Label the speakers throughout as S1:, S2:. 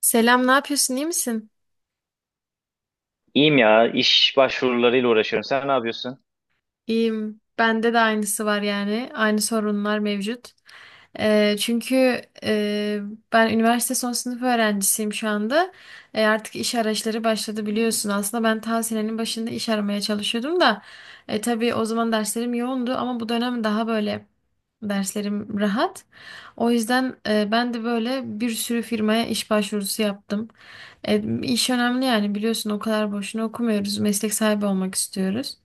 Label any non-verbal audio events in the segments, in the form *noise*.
S1: Selam, ne yapıyorsun? İyi misin?
S2: İyiyim ya. İş başvurularıyla uğraşıyorum. Sen ne yapıyorsun?
S1: İyiyim. Bende de aynısı var yani. Aynı sorunlar mevcut. Ee, çünkü e, Ben üniversite son sınıf öğrencisiyim şu anda. Artık iş arayışları başladı biliyorsun. Aslında ben ta senenin başında iş aramaya çalışıyordum da. Tabii o zaman derslerim yoğundu ama bu dönem daha böyle derslerim rahat. O yüzden, ben de böyle bir sürü firmaya iş başvurusu yaptım. İş önemli yani biliyorsun o kadar boşuna okumuyoruz. Meslek sahibi olmak istiyoruz.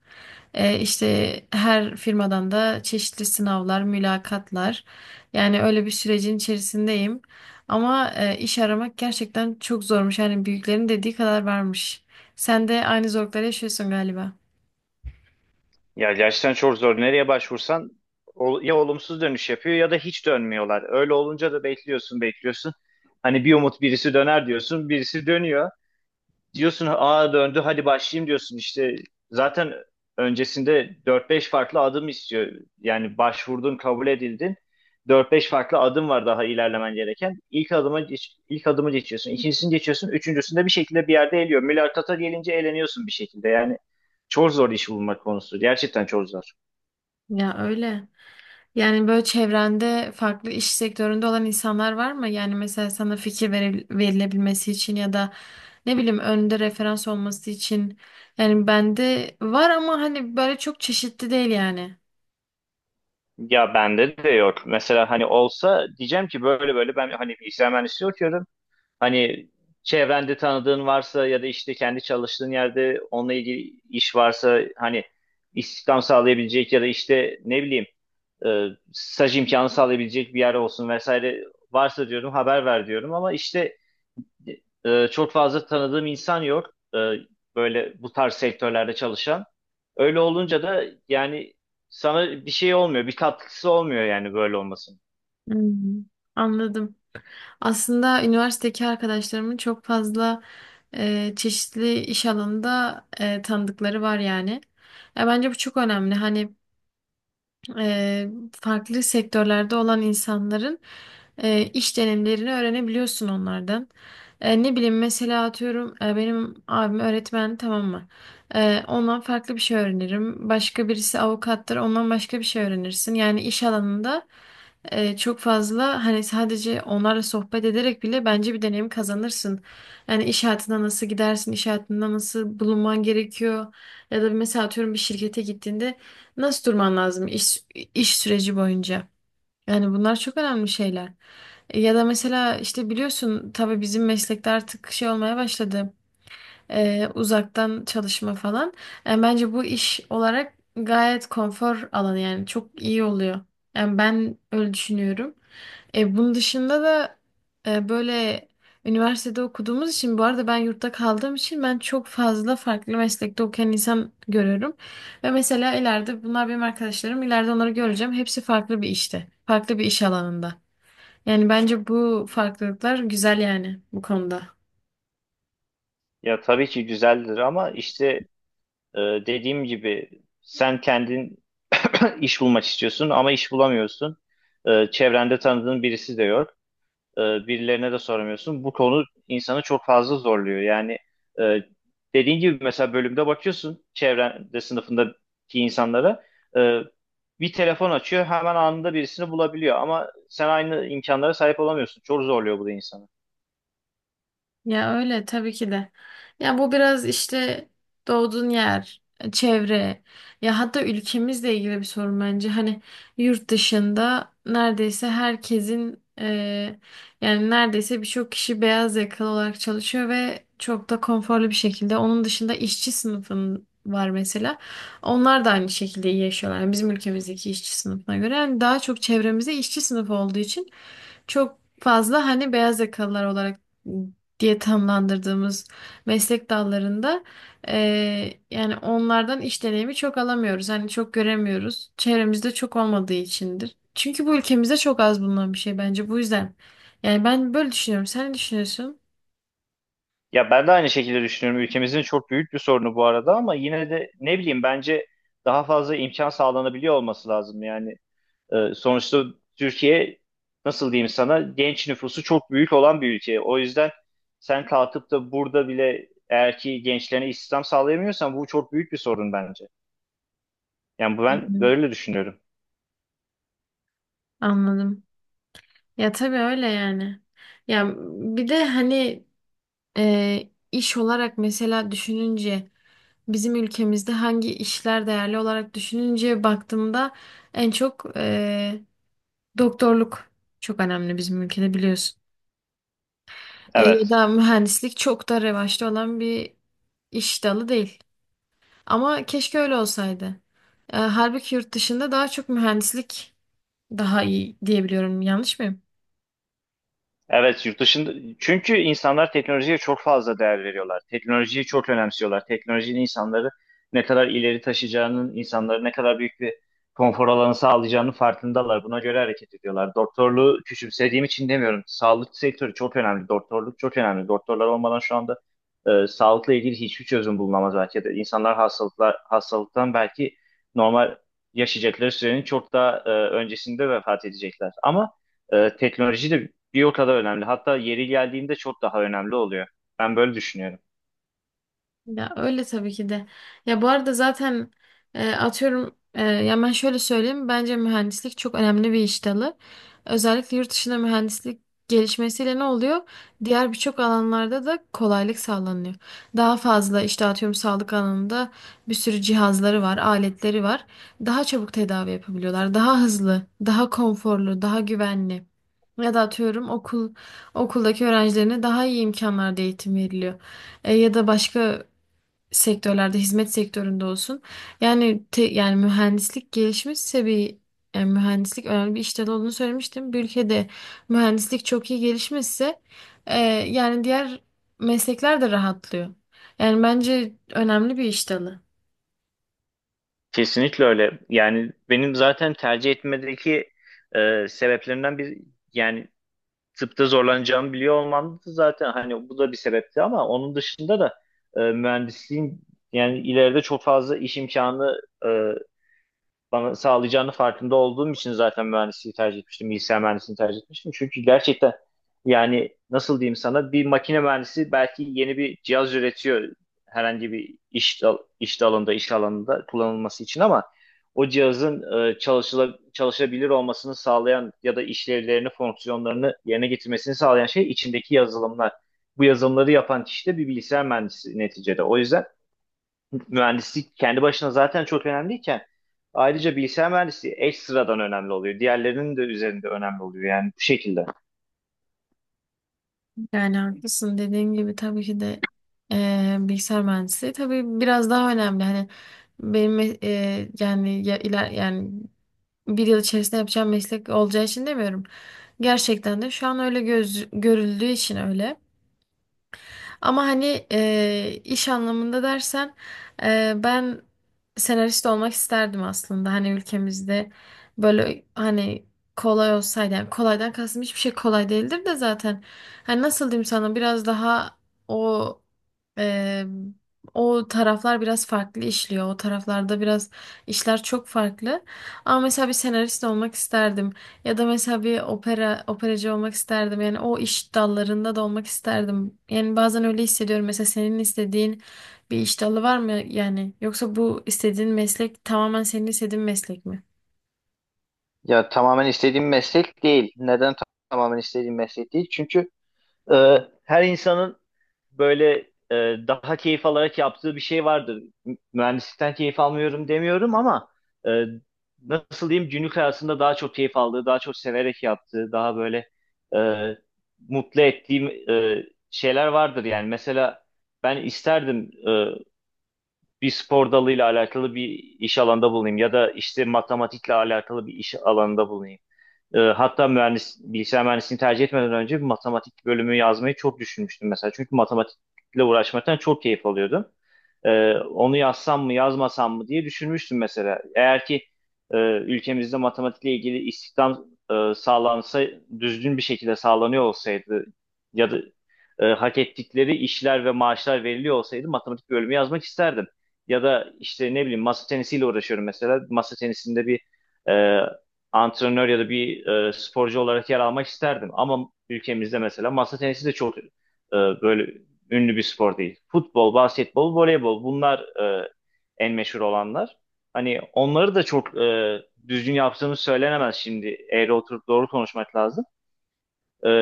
S1: İşte her firmadan da çeşitli sınavlar, mülakatlar. Yani öyle bir sürecin içerisindeyim. Ama iş aramak gerçekten çok zormuş. Yani büyüklerin dediği kadar varmış. Sen de aynı zorlukları yaşıyorsun galiba.
S2: Ya gerçekten çok zor. Nereye başvursan ya olumsuz dönüş yapıyor ya da hiç dönmüyorlar. Öyle olunca da bekliyorsun, bekliyorsun. Hani bir umut birisi döner diyorsun, birisi dönüyor. Diyorsun A döndü hadi başlayayım diyorsun, işte zaten öncesinde dört beş farklı adım istiyor. Yani başvurdun, kabul edildin. Dört beş farklı adım var daha ilerlemen gereken. İlk adımı geçiyorsun, ikincisini geçiyorsun. Üçüncüsünde bir şekilde bir yerde eliyor. Mülakata gelince eleniyorsun bir şekilde. Yani çok zor iş bulmak konusu. Gerçekten çok zor.
S1: Ya öyle. Yani böyle çevrende farklı iş sektöründe olan insanlar var mı? Yani mesela sana verilebilmesi için ya da ne bileyim önünde referans olması için. Yani bende var ama hani böyle çok çeşitli değil yani.
S2: Ya bende de yok. Mesela hani olsa diyeceğim ki böyle böyle ben hani bilgisayar mühendisliği okuyorum. Hani çevrende tanıdığın varsa ya da işte kendi çalıştığın yerde onunla ilgili iş varsa, hani istihdam sağlayabilecek ya da işte ne bileyim, staj imkanı sağlayabilecek bir yer olsun vesaire, varsa diyorum haber ver diyorum, ama işte çok fazla tanıdığım insan yok, böyle bu tarz sektörlerde çalışan. Öyle olunca da yani sana bir şey olmuyor, bir katkısı olmuyor, yani böyle olmasın.
S1: Hmm, Anladım. Aslında üniversitedeki arkadaşlarımın çok fazla çeşitli iş alanında tanıdıkları var yani. Ya bence bu çok önemli. Hani farklı sektörlerde olan insanların iş deneyimlerini öğrenebiliyorsun onlardan. Ne bileyim mesela atıyorum, benim abim öğretmen tamam mı? Ondan farklı bir şey öğrenirim. Başka birisi avukattır ondan başka bir şey öğrenirsin. Yani iş alanında çok fazla hani sadece onlarla sohbet ederek bile bence bir deneyim kazanırsın. Yani iş hayatına nasıl gidersin, iş hayatında nasıl bulunman gerekiyor. Ya da mesela atıyorum bir şirkete gittiğinde nasıl durman lazım iş süreci boyunca? Yani bunlar çok önemli şeyler. Ya da mesela işte biliyorsun tabii bizim meslekte artık şey olmaya başladı. Uzaktan çalışma falan. Bence bu iş olarak gayet konfor alanı yani çok iyi oluyor. Yani ben öyle düşünüyorum. Bunun dışında da böyle, üniversitede okuduğumuz için bu arada ben yurtta kaldığım için ben çok fazla farklı meslekte okuyan insan görüyorum. Ve mesela ileride bunlar benim arkadaşlarım ileride onları göreceğim. Hepsi farklı bir işte. Farklı bir iş alanında. Yani bence bu farklılıklar güzel yani bu konuda.
S2: Ya tabii ki güzeldir ama işte, Ee, dediğim gibi sen kendin *clears throat* iş bulmak istiyorsun ama iş bulamıyorsun. Çevrende tanıdığın birisi de yok. Ee, Birilerine de soramıyorsun. Bu konu insanı çok fazla zorluyor. Yani e, dediğin gibi mesela bölümde bakıyorsun, çevrende sınıfındaki insanlara e, bir telefon açıyor, hemen anında birisini bulabiliyor, ama sen aynı imkanlara sahip olamıyorsun. Çok zorluyor bu da insanı.
S1: Ya öyle tabii ki de. Ya bu biraz işte doğduğun yer, çevre ya hatta ülkemizle ilgili bir sorun bence. Hani yurt dışında neredeyse herkesin, yani neredeyse birçok kişi beyaz yakalı olarak çalışıyor ve çok da konforlu bir şekilde. Onun dışında işçi sınıfın var mesela. Onlar da aynı şekilde iyi yaşıyorlar. Yani bizim ülkemizdeki işçi sınıfına göre. Yani daha çok çevremizde işçi sınıfı olduğu için çok fazla hani beyaz yakalılar olarak diye tamlandırdığımız meslek dallarında, yani onlardan iş deneyimi çok alamıyoruz. Hani çok göremiyoruz. Çevremizde çok olmadığı içindir. Çünkü bu ülkemizde çok az bulunan bir şey bence bu yüzden. Yani ben böyle düşünüyorum. Sen ne düşünüyorsun?
S2: Ya ben de aynı şekilde düşünüyorum. Ülkemizin çok büyük bir sorunu bu arada, ama yine de ne bileyim, bence daha fazla imkan sağlanabiliyor olması lazım. Yani sonuçta Türkiye, nasıl diyeyim sana, genç nüfusu çok büyük olan bir ülke. O yüzden sen kalkıp da burada bile eğer ki gençlerine istihdam sağlayamıyorsan bu çok büyük bir sorun bence. Yani
S1: Hı
S2: ben
S1: hı.
S2: böyle düşünüyorum.
S1: Anladım. Ya tabii öyle yani. Ya bir de hani iş olarak mesela düşününce bizim ülkemizde hangi işler değerli olarak düşününce baktığımda en çok, doktorluk çok önemli bizim ülkede biliyorsun. Ya
S2: Evet.
S1: da mühendislik çok da revaçta olan bir iş dalı değil. Ama keşke öyle olsaydı. Halbuki yurt dışında daha çok mühendislik daha iyi diyebiliyorum. Yanlış mıyım?
S2: Evet, yurt dışında, çünkü insanlar teknolojiye çok fazla değer veriyorlar. Teknolojiyi çok önemsiyorlar. Teknolojinin insanları ne kadar ileri taşıyacağının, insanları ne kadar büyük bir konfor alanı sağlayacağının farkındalar. Buna göre hareket ediyorlar. Doktorluğu küçümsediğim için demiyorum. Sağlık sektörü çok önemli. Doktorluk çok önemli. Doktorlar olmadan şu anda sağlıkla ilgili hiçbir çözüm bulunamaz belki de. İnsanlar hastalıklar hastalıktan belki normal yaşayacakları sürenin çok daha öncesinde vefat edecekler. Ama teknoloji de bir o kadar önemli. Hatta yeri geldiğinde çok daha önemli oluyor. Ben böyle düşünüyorum.
S1: Ya öyle tabii ki de. Ya bu arada zaten, atıyorum, ya ben şöyle söyleyeyim. Bence mühendislik çok önemli bir iş dalı. Özellikle yurt dışında mühendislik gelişmesiyle ne oluyor? Diğer birçok alanlarda da kolaylık sağlanıyor. Daha fazla işte atıyorum sağlık alanında bir sürü cihazları var, aletleri var. Daha çabuk tedavi yapabiliyorlar. Daha hızlı, daha konforlu, daha güvenli. Ya da atıyorum okuldaki öğrencilerine daha iyi imkanlarda eğitim veriliyor. Ya da başka sektörlerde hizmet sektöründe olsun. Yani mühendislik gelişmişse bir yani mühendislik önemli bir iş dalı olduğunu söylemiştim. Bir ülkede mühendislik çok iyi gelişmişse e, yani diğer meslekler de rahatlıyor. Yani bence önemli bir iş dalı.
S2: Kesinlikle öyle. Yani benim zaten tercih etmedeki sebeplerinden bir, yani tıpta zorlanacağımı biliyor olmam da zaten, hani bu da bir sebepti, ama onun dışında da mühendisliğin yani ileride çok fazla iş imkanı bana sağlayacağını farkında olduğum için zaten mühendisliği tercih etmiştim. Bilgisayar mühendisliğini tercih etmiştim. Çünkü gerçekten yani nasıl diyeyim sana, bir makine mühendisi belki yeni bir cihaz üretiyor herhangi bir iş dalında, iş alanında kullanılması için, ama o cihazın çalışabilir olmasını sağlayan ya da işlevlerini, fonksiyonlarını yerine getirmesini sağlayan şey içindeki yazılımlar. Bu yazılımları yapan kişi de bir bilgisayar mühendisi neticede. O yüzden mühendislik kendi başına zaten çok önemliyken, ayrıca bilgisayar mühendisliği eş sıradan önemli oluyor. Diğerlerinin de üzerinde önemli oluyor yani, bu şekilde.
S1: Yani haklısın dediğin gibi tabii ki de, bilgisayar mühendisliği tabii biraz daha önemli. Hani benim, yani bir yıl içerisinde yapacağım meslek olacağı için demiyorum. Gerçekten de şu an öyle görüldüğü için öyle. Ama hani iş anlamında dersen, ben senarist olmak isterdim aslında. Hani ülkemizde böyle hani kolay olsaydı. Yani kolaydan kastım hiçbir şey kolay değildir de zaten. Hani nasıl diyeyim sana biraz daha o e, o taraflar biraz farklı işliyor. O taraflarda biraz işler çok farklı. Ama mesela bir senarist olmak isterdim. Ya da mesela bir operacı olmak isterdim. Yani o iş dallarında da olmak isterdim. Yani bazen öyle hissediyorum. Mesela senin istediğin bir iş dalı var mı yani? Yoksa bu istediğin meslek tamamen senin istediğin meslek mi?
S2: Ya tamamen istediğim meslek değil. Neden tamamen istediğim meslek değil? Çünkü her insanın böyle e, daha keyif alarak yaptığı bir şey vardır. Mühendislikten keyif almıyorum demiyorum, ama e, nasıl diyeyim, günlük hayatında daha çok keyif aldığı, daha çok severek yaptığı, daha böyle e, mutlu ettiğim şeyler vardır yani. Mesela ben isterdim bir spor dalıyla alakalı bir iş alanında bulunayım, ya da işte matematikle alakalı bir iş alanında bulunayım. Hatta bilgisayar mühendisliğini tercih etmeden önce bir matematik bölümü yazmayı çok düşünmüştüm mesela. Çünkü matematikle uğraşmaktan çok keyif alıyordum. Onu yazsam mı yazmasam mı diye düşünmüştüm mesela. Eğer ki ülkemizde matematikle ilgili istihdam sağlansa, düzgün bir şekilde sağlanıyor olsaydı, ya da hak ettikleri işler ve maaşlar veriliyor olsaydı matematik bölümü yazmak isterdim. Ya da işte ne bileyim, masa tenisiyle uğraşıyorum mesela. Masa tenisinde bir e, antrenör ya da bir sporcu olarak yer almak isterdim. Ama ülkemizde mesela masa tenisi de çok böyle ünlü bir spor değil. Futbol, basketbol, voleybol bunlar en meşhur olanlar. Hani onları da çok düzgün yaptığımız söylenemez şimdi. Eğri oturup doğru konuşmak lazım. E,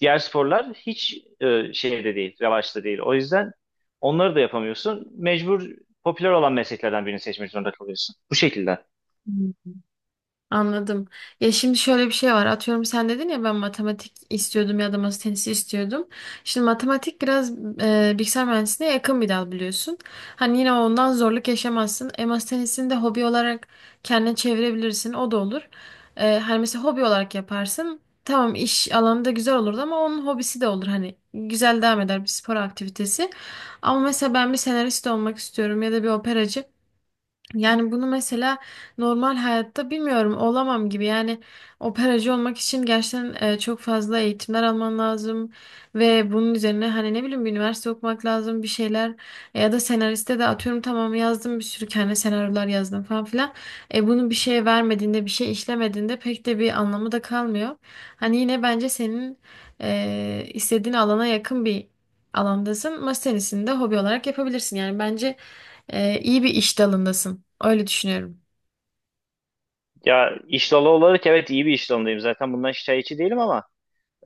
S2: Diğer sporlar hiç e, şeyde değil, revaçta değil. O yüzden onları da yapamıyorsun. Mecbur popüler olan mesleklerden birini seçmek zorunda kalıyorsun. Bu şekilde.
S1: Anladım. Ya şimdi şöyle bir şey var. Atıyorum sen dedin ya ben matematik istiyordum ya da masa tenisi istiyordum. Şimdi matematik biraz, bilgisayar mühendisliğine yakın bir dal biliyorsun. Hani yine ondan zorluk yaşamazsın. E masa tenisini de hobi olarak kendine çevirebilirsin. O da olur. Hani mesela hobi olarak yaparsın. Tamam iş alanı da güzel olurdu ama onun hobisi de olur. Hani güzel devam eder bir spor aktivitesi. Ama mesela ben bir senarist olmak istiyorum ya da bir operacı. Yani bunu mesela normal hayatta bilmiyorum olamam gibi. Yani operacı olmak için gerçekten, çok fazla eğitimler alman lazım ve bunun üzerine hani ne bileyim bir üniversite okumak lazım bir şeyler ya da senariste de atıyorum tamam yazdım bir sürü kendi senaryolar yazdım falan filan. Bunu bir şeye vermediğinde bir şey işlemediğinde pek de bir anlamı da kalmıyor. Hani yine bence senin, istediğin alana yakın bir alandasın. Masa tenisini de hobi olarak yapabilirsin. Yani bence, iyi bir iş dalındasın. Öyle düşünüyorum.
S2: Ya iş dalı olarak evet, iyi bir iş dalındayım. Zaten bundan şikayetçi değilim, ama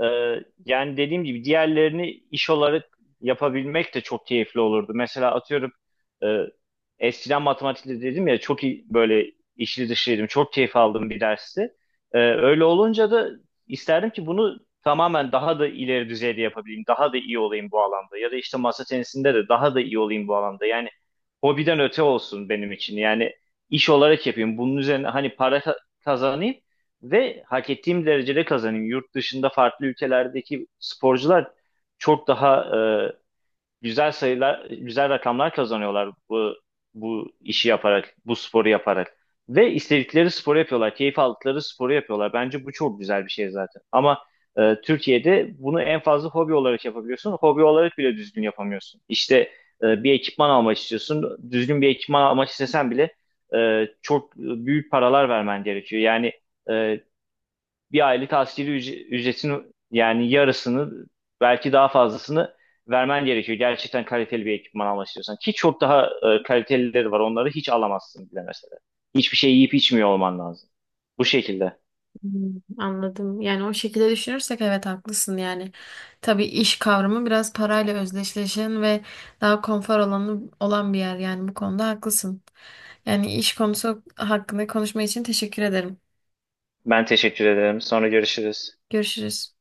S2: Ee, yani dediğim gibi diğerlerini iş olarak yapabilmek de çok keyifli olurdu. Mesela atıyorum e, eskiden matematikte dedim ya, çok iyi böyle içli dışlıydım. Çok keyif aldım bir dersi. Öyle olunca da isterdim ki bunu tamamen daha da ileri düzeyde yapabileyim. Daha da iyi olayım bu alanda. Ya da işte masa tenisinde de daha da iyi olayım bu alanda. Yani hobiden öte olsun benim için. Yani iş olarak yapayım. Bunun üzerine hani kazanayım. Ve hak ettiğim derecede kazanayım. Yurt dışında farklı ülkelerdeki sporcular çok daha e, güzel sayılar, güzel rakamlar kazanıyorlar bu işi yaparak, bu sporu yaparak. Ve istedikleri sporu yapıyorlar, keyif aldıkları sporu yapıyorlar. Bence bu çok güzel bir şey zaten. Ama Türkiye'de bunu en fazla hobi olarak yapabiliyorsun. Hobi olarak bile düzgün yapamıyorsun. İşte bir ekipman almak istiyorsun. Düzgün bir ekipman almak istesen bile çok büyük paralar vermen gerekiyor. Yani e, bir aylık ücretin yani yarısını, belki daha fazlasını vermen gerekiyor. Gerçekten kaliteli bir ekipman almak istiyorsan. Ki çok daha kalitelileri var. Onları hiç alamazsın bile mesela. Hiçbir şey yiyip içmiyor olman lazım. Bu şekilde.
S1: Hmm, Anladım. Yani o şekilde düşünürsek evet haklısın yani. Tabii iş kavramı biraz parayla özdeşleşen ve daha konfor alanı olan bir yer yani bu konuda haklısın. Yani iş konusu hakkında konuşma için teşekkür ederim.
S2: Ben teşekkür ederim. Sonra görüşürüz.
S1: Görüşürüz.